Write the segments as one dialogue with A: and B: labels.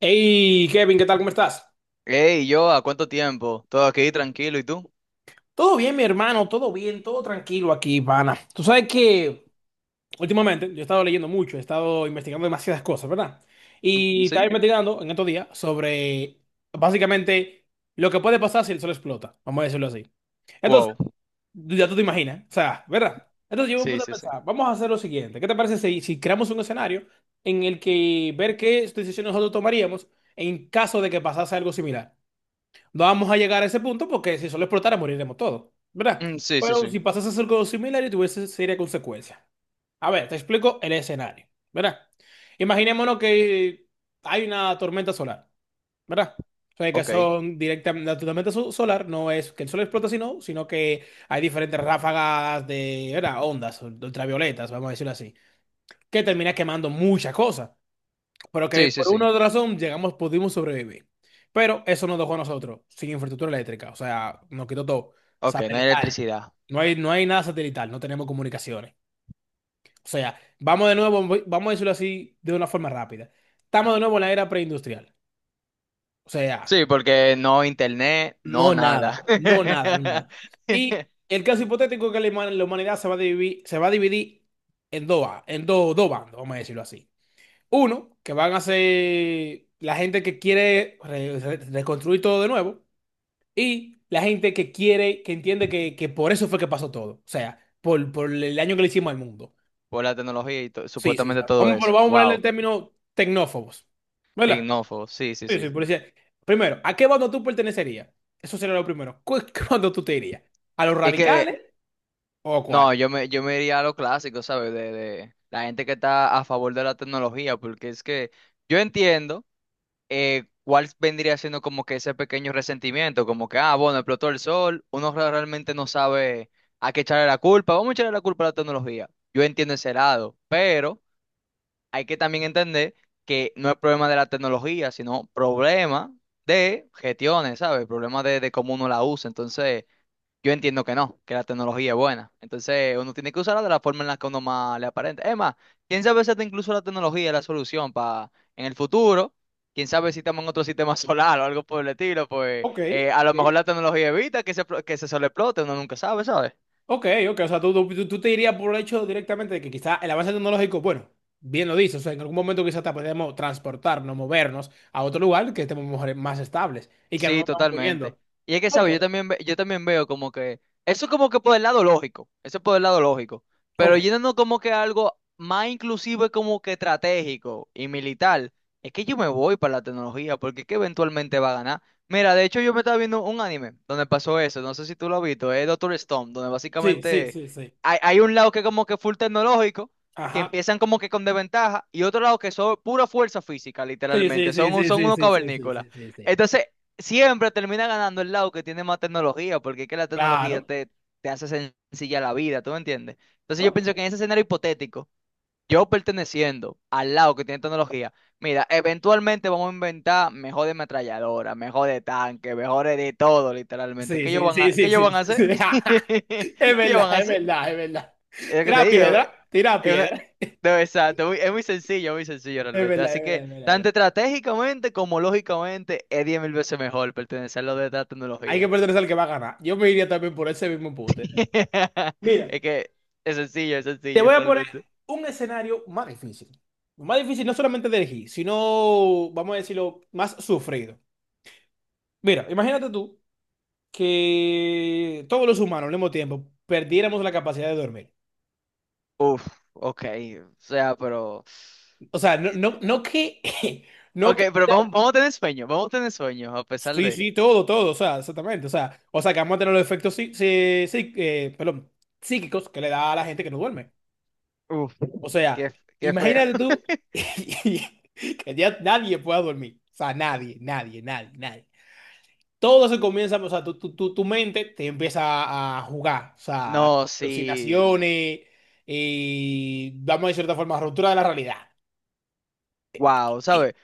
A: Hey Kevin, ¿qué tal? ¿Cómo estás?
B: Hey, yo, ¿a cuánto tiempo? Todo aquí tranquilo, ¿y tú?
A: Todo bien, mi hermano, todo bien, todo tranquilo aquí, pana. Tú sabes que últimamente yo he estado leyendo mucho, he estado investigando demasiadas cosas, ¿verdad?
B: Ujú,
A: Y estaba
B: sí.
A: investigando en estos días sobre básicamente lo que puede pasar si el sol explota, vamos a decirlo así. Entonces,
B: Wow.
A: ya tú te imaginas, o sea, ¿verdad? Entonces yo me
B: Sí,
A: puse a
B: sí, sí.
A: pensar, vamos a hacer lo siguiente, ¿qué te parece si, si creamos un escenario en el que ver qué decisiones nosotros tomaríamos en caso de que pasase algo similar? No vamos a llegar a ese punto porque si solo explotara moriremos todos, ¿verdad?
B: Sí, sí,
A: Pero
B: sí.
A: si pasase algo similar y tuviese seria consecuencia. A ver, te explico el escenario, ¿verdad? Imaginémonos que hay una tormenta solar, ¿verdad? O sea, que
B: Ok.
A: son directamente, la tormenta solar no es que el sol explota, sino que hay diferentes ráfagas de, ¿verdad? Ondas ultravioletas, vamos a decirlo así, que termina quemando muchas cosas. Pero que
B: Sí, sí,
A: por una u
B: sí.
A: otra razón llegamos, pudimos sobrevivir. Pero eso nos dejó a nosotros sin infraestructura eléctrica. O sea, nos quitó todo.
B: Ok, no hay
A: Satelital.
B: electricidad.
A: No hay nada satelital, no tenemos comunicaciones. O sea, vamos de nuevo, vamos a decirlo así de una forma rápida. Estamos de nuevo en la era preindustrial. O sea,
B: Sí, porque no internet, no
A: no
B: nada.
A: nada, no nada, no nada. Y el caso hipotético es que la la humanidad se va a dividir, se va a dividir en dos, en dos, dos bandos, vamos a decirlo así. Uno, que van a ser la gente que quiere reconstruir todo de nuevo. Y la gente que quiere, que entiende que por eso fue que pasó todo. O sea, por el daño que le hicimos al mundo.
B: Por la tecnología y to-
A: Sí, sí, sí.
B: supuestamente todo
A: Vamos, pero
B: eso.
A: vamos a ponerle el
B: Wow.
A: término tecnófobos. ¿Verdad?
B: Tecnófobo, sí, sí,
A: Sí, sí,
B: sí.
A: primero, ¿a qué bando tú pertenecerías? Eso sería lo primero. ¿Qué bando tú te irías? ¿A los
B: Es que,
A: radicales o a cuál?
B: no, yo me iría a lo clásico, ¿sabes? De la gente que está a favor de la tecnología, porque es que yo entiendo. ¿Cuál vendría siendo como que ese pequeño resentimiento? Como que, ah, bueno, explotó el sol, uno realmente no sabe a qué echarle la culpa, vamos a echarle la culpa a la tecnología. Yo entiendo ese lado, pero hay que también entender que no es problema de la tecnología, sino problema de gestiones, ¿sabes? Problema de cómo uno la usa. Entonces, yo entiendo que no, que la tecnología es buena. Entonces, uno tiene que usarla de la forma en la que uno más le aparenta. Es más, quién sabe si hasta incluso la tecnología es la solución para en el futuro. Quién sabe si estamos en otro sistema solar o algo por el estilo, pues
A: Ok.
B: a lo mejor la tecnología evita que se, que se sobreexplote, uno nunca sabe, ¿sabes?
A: Ok, ok, o sea, tú te dirías por el hecho directamente de que quizá el avance tecnológico, bueno, bien lo dices, o sea, en algún momento quizá te podemos transportarnos, movernos a otro lugar que estemos más estables y que no nos
B: Sí,
A: estamos
B: totalmente.
A: muriendo.
B: Y es que,
A: Ok,
B: ¿sabes? Yo también veo como que... Eso es como que por el lado lógico. Eso es por el lado lógico. Pero
A: ok,
B: yéndonos como que a algo más inclusivo como que estratégico y militar. Es que yo me voy para la tecnología porque es que eventualmente va a ganar. Mira, de hecho yo me estaba viendo un anime donde pasó eso. No sé si tú lo has visto. Es Doctor Stone, donde
A: sí, sí,
B: básicamente
A: sí, sí,
B: hay un lado que como que full tecnológico. Que
A: ajá,
B: empiezan como que con desventaja y otro lado que son pura fuerza física,
A: sí, sí,
B: literalmente,
A: sí, sí,
B: son
A: sí,
B: unos
A: sí, sí, sí,
B: cavernícolas.
A: sí, sí, sí,
B: Entonces, siempre termina ganando el lado que tiene más tecnología, porque es que
A: claro,
B: te hace sencilla la vida, ¿tú me entiendes? Entonces yo
A: ok,
B: pienso que en ese escenario hipotético, yo perteneciendo al lado que tiene tecnología, mira, eventualmente vamos a inventar mejores metralladoras, mejores tanques, mejores de todo, literalmente.
A: sí, sí, sí,
B: ¿Qué
A: sí,
B: ellos
A: sí,
B: van a
A: sí, sí,
B: hacer? ¿Qué
A: es
B: ellos
A: verdad,
B: van a
A: es
B: hacer?
A: verdad, es verdad,
B: Es lo que te digo.
A: tira
B: Es una-
A: piedra,
B: No, exacto, es muy sencillo
A: es
B: realmente.
A: verdad, es
B: Así
A: verdad,
B: que,
A: es verdad, es verdad.
B: tanto estratégicamente como lógicamente, es 10.000 veces mejor pertenecer a lo de la
A: Hay que
B: tecnología.
A: perderse al que va a ganar, yo me iría también por ese mismo punto. Mira.
B: Es que es
A: Te
B: sencillo
A: voy a poner
B: realmente.
A: un escenario más difícil. Más difícil no solamente de elegir, sino, vamos a decirlo, más sufrido. Mira, imagínate tú que todos los humanos al mismo tiempo perdiéramos la capacidad de dormir.
B: Uf, ok, o sea, pero...
A: O sea, no,
B: eh,
A: no, no que... No
B: Ok,
A: que...
B: pero vamos, vamos a tener sueño, vamos a tener sueño, a pesar
A: Sí,
B: de...
A: sí, todo, todo, o sea, exactamente. O sea, que vamos a tener los efectos sí, sí, perdón, psíquicos que le da a la gente que no duerme.
B: Uf,
A: O sea,
B: qué, qué feo.
A: imagínate tú que ya nadie pueda dormir. O sea, nadie, nadie, nadie, nadie. Todo se comienza, o sea, tu mente te empieza a jugar, o sea,
B: No, sí,
A: alucinaciones, y vamos a decir de cierta forma, ruptura de la realidad.
B: wow,
A: ¿Qué?
B: ¿sabes?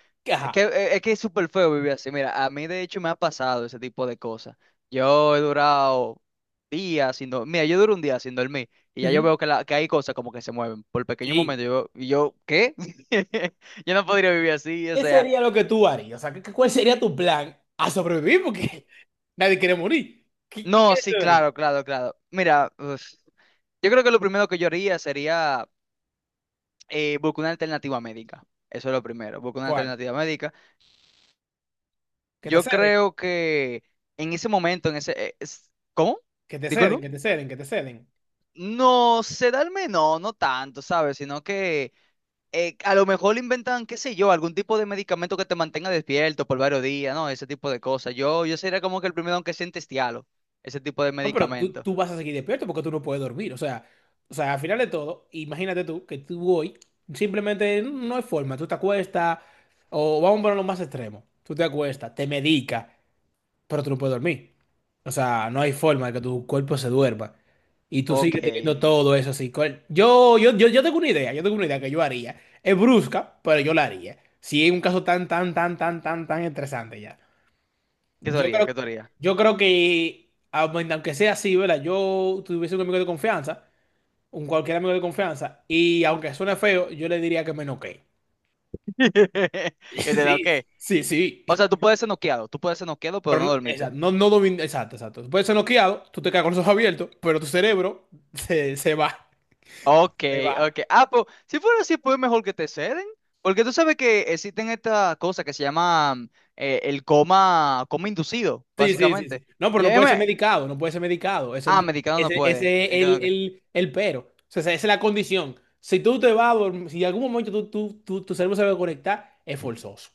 B: Es
A: Ajá.
B: que, es que es súper feo vivir así. Mira, a mí de hecho me ha pasado ese tipo de cosas. Yo he durado días sin dormir. Mira, yo duro un día sin dormir y ya yo
A: Ujú.
B: veo que hay cosas como que se mueven por pequeño
A: Sí.
B: momento. ¿Qué? Yo no podría vivir así, o
A: ¿Qué
B: sea.
A: sería lo que tú harías? O sea, ¿cuál sería tu plan a sobrevivir? Porque nadie quiere morir. ¿Qué,
B: No,
A: qué
B: sí,
A: te daría?
B: claro, claro, claro. Mira, uf, yo creo que lo primero que yo haría sería buscar una alternativa médica. Eso es lo primero, buscar una
A: ¿Cuál?
B: alternativa médica.
A: Que te
B: Yo
A: ceden,
B: creo que en ese momento, en ese... ¿Cómo?
A: que te ceden, que te ceden, que te ceden.
B: No, sedarme no, no tanto, ¿sabes? Sino que a lo mejor inventan, qué sé yo, algún tipo de medicamento que te mantenga despierto por varios días, ¿no? Ese tipo de cosas. Yo sería como que el primero aunque sea en testialo, ese tipo de
A: No, pero tú,
B: medicamento.
A: tú vas a seguir despierto porque tú no puedes dormir. O sea, al final de todo, imagínate tú que tú hoy simplemente no hay forma. Tú te acuestas, o vamos a ponerlo más extremo. Tú te acuestas, te medicas, pero tú no puedes dormir. O sea, no hay forma de que tu cuerpo se duerma. Y tú
B: Ok.
A: sigues
B: ¿Qué
A: teniendo todo eso así. Yo tengo una idea, yo tengo una idea que yo haría. Es brusca, pero yo la haría. Si es un caso tan, tan, tan, tan, tan, tan estresante ya.
B: tú
A: Yo
B: harías?
A: creo,
B: ¿Qué tú harías?
A: yo creo que, aunque sea así, ¿verdad? Yo tuviese un amigo de confianza, un cualquier amigo de confianza, y aunque suene feo, yo le diría que me noquee.
B: ¿Qué te da?
A: Sí,
B: ¿Qué?
A: sí, sí.
B: O sea, tú puedes ser noqueado, tú puedes ser noqueado, pero
A: Pero
B: no
A: no,
B: dormiste.
A: exacto, no, exacto, exacto. Puedes ser noqueado, tú te quedas con los ojos abiertos, pero tu cerebro se va,
B: Ok,
A: se va.
B: ok. Ah, pues, si fuera así, pues mejor que te ceden. Porque tú sabes que existen estas cosas que se llaman el coma, coma inducido,
A: Sí, sí, sí,
B: básicamente.
A: sí. No, pero
B: Y
A: no
B: ahí
A: puede ser
B: me-
A: medicado, no puede ser medicado. Es
B: ah,
A: el,
B: medicado no
A: ese,
B: puede.
A: ese es
B: Medicado no
A: el,
B: que-
A: el, el pero. O sea, esa es la condición. Si tú te vas a dormir, si en algún momento tu cerebro se va a conectar, es forzoso.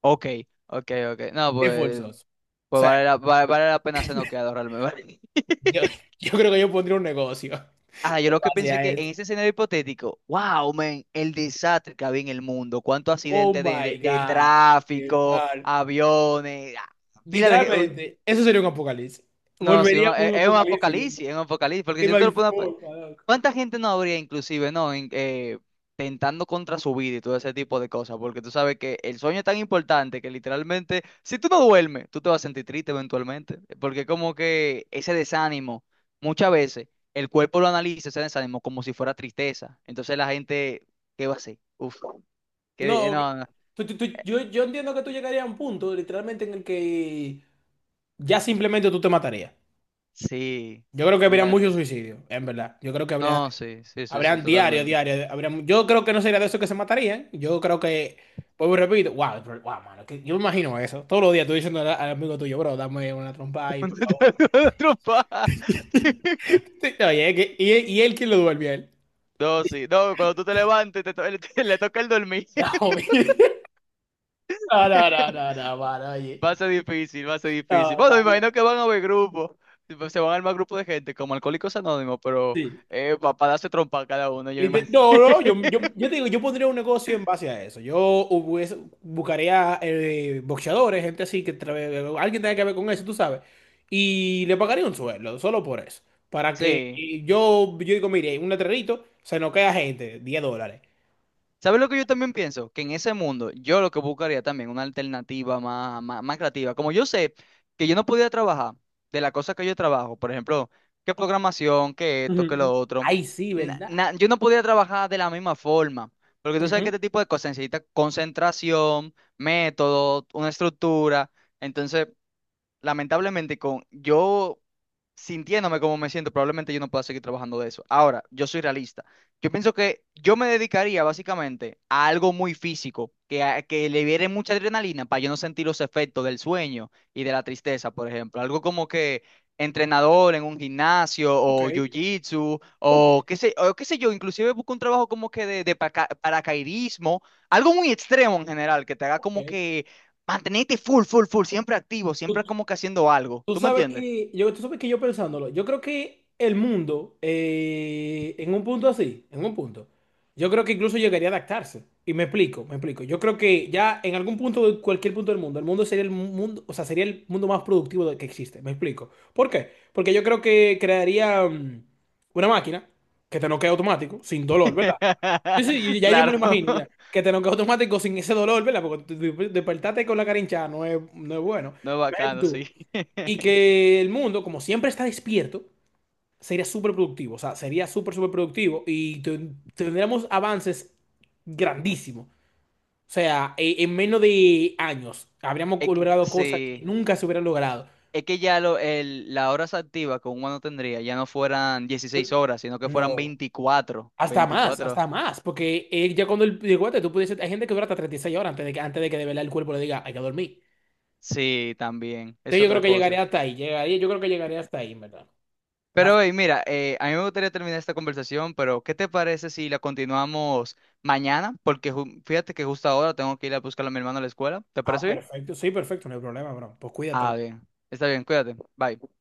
B: Ok, ok, ok. No,
A: Es
B: pues,
A: forzoso. O sea,
B: vale la pena ser noqueado realmente. Vale.
A: yo, yo creo que yo pondría un negocio
B: Ah, yo
A: en
B: lo que
A: base
B: pienso es
A: a
B: que en ese
A: esto.
B: escenario hipotético, wow, man, el desastre que había en el mundo, cuántos
A: Oh
B: accidentes de,
A: my
B: de, de
A: God. Mi
B: tráfico,
A: hermano.
B: aviones, ah, fila de,
A: Literalmente, eso sería un apocalipsis.
B: No, sí,
A: Volveríamos a un apocalipsis, viejo.
B: es un apocalipsis, porque
A: Que
B: si
A: no
B: tú te
A: hay
B: lo pones,
A: forma, loco.
B: ¿cuánta gente no habría inclusive, no, tentando contra su vida y todo ese tipo de cosas? Porque tú sabes que el sueño es tan importante que literalmente, si tú no duermes, tú te vas a sentir triste eventualmente, porque como que ese desánimo, muchas veces el cuerpo lo analiza ese desánimo como si fuera tristeza, entonces la gente, ¿qué va a hacer? Uf,
A: No,
B: que
A: ok.
B: no, no,
A: Yo entiendo que tú llegarías a un punto, literalmente, en el que ya simplemente tú te matarías.
B: sí,
A: Yo creo que habría
B: ya,
A: muchos suicidios, en verdad. Yo creo que habría,
B: no, sí, sí, sí, sí,
A: habrían diario,
B: totalmente.
A: diario, habría, yo creo que no sería de esos que se matarían. Yo creo que, vuelvo y repito, wow, bro, wow, mano, que yo me imagino eso. Todos los días tú diciendo al amigo tuyo, bro, dame una trompa ahí, por favor.
B: Una trompada.
A: Sí. Oye, y él quién lo duerme a él.
B: No, sí. No, cuando tú te levantes, le toca el dormir.
A: No, mi- no, no, no, no, no, mano, oye.
B: Va a ser difícil, va a ser difícil.
A: No,
B: Bueno,
A: está
B: me imagino
A: bien.
B: que van a haber grupos. Tipo, se van a armar grupos de gente, como Alcohólicos Anónimos, pero
A: Sí.
B: para darse trompa cada uno, yo me imagino.
A: No, no, yo, yo, yo te digo, yo pondría un negocio en base a eso. Buscaría boxeadores, gente así, alguien tenga que ver con eso, tú sabes. Y le pagaría un sueldo, solo por eso. Para que
B: Sí.
A: yo, yo digo, mire, un letrerito, se nos queda gente, $10.
B: ¿Sabes lo que yo también pienso? Que en ese mundo yo lo que buscaría también una alternativa más, más, más creativa. Como yo sé que yo no podía trabajar de la cosa que yo trabajo, por ejemplo, qué programación, qué esto, qué
A: Ujú.
B: lo otro,
A: Ay, sí, ¿verdad?
B: yo no podía trabajar de la misma forma. Porque tú sabes que
A: Ujú.
B: este tipo de cosas necesita concentración, método, una estructura. Entonces, lamentablemente, con yo sintiéndome como me siento, probablemente yo no pueda seguir trabajando de eso. Ahora, yo soy realista. Yo pienso que yo me dedicaría básicamente a algo muy físico, que libere mucha adrenalina para yo no sentir los efectos del sueño y de la tristeza, por ejemplo. Algo como que entrenador en un gimnasio
A: Ok,
B: o jiu-jitsu
A: ok,
B: o qué sé yo, inclusive busco un trabajo como que de paracaidismo, algo muy extremo en general, que te haga como que mantenete full, full, full, siempre activo, siempre
A: ok.
B: como que haciendo algo.
A: Tú
B: ¿Tú me
A: sabes
B: entiendes?
A: que yo, tú sabes que yo pensándolo, yo creo que el mundo, en un punto así, en un punto, yo creo que incluso llegaría a adaptarse. Y me explico, me explico. Yo creo que ya en algún punto, de cualquier punto del mundo, el mundo sería el mundo, o sea, sería el mundo más productivo que existe. Me explico. ¿Por qué? Porque yo creo que crearía una máquina que te noquea automático, sin dolor, ¿verdad? Sí, sí, ya yo me
B: Claro,
A: lo imagino, ya. Que te noquea automático sin ese dolor, ¿verdad? Porque despertarte con la cara hinchada no es, no es bueno.
B: no es
A: Imagínate
B: bacano, sí.
A: tú. Y que el mundo, como siempre está despierto, sería súper productivo. O sea, sería súper, súper productivo y tendríamos avances grandísimos. O sea, en menos de años habríamos
B: Es que-
A: logrado cosas que
B: sí,
A: nunca se hubieran logrado.
B: es que ya lo, el, las horas activas que uno no tendría ya no fueran 16 horas, sino que fueran
A: No,
B: 24
A: hasta más,
B: 24
A: hasta más. Porque ya cuando el guate, tú pudieses, hay gente que dura hasta 36 horas antes de que de verdad el cuerpo le diga, hay que dormir.
B: Sí, también, es
A: Entonces yo creo
B: otra
A: que
B: cosa.
A: llegaría hasta ahí. Llegaría, yo creo que llegaría hasta ahí, en ¿verdad? Más-
B: Pero, hey, mira, a mí me gustaría terminar esta conversación, pero ¿qué te parece si la continuamos mañana? Porque fíjate que justo ahora tengo que ir a buscar a mi hermano a la escuela. ¿Te
A: ah,
B: parece bien?
A: perfecto. Sí, perfecto, no hay problema, bro. Pues cuídate, bro.
B: Ah, bien. Está bien, cuídate. Bye.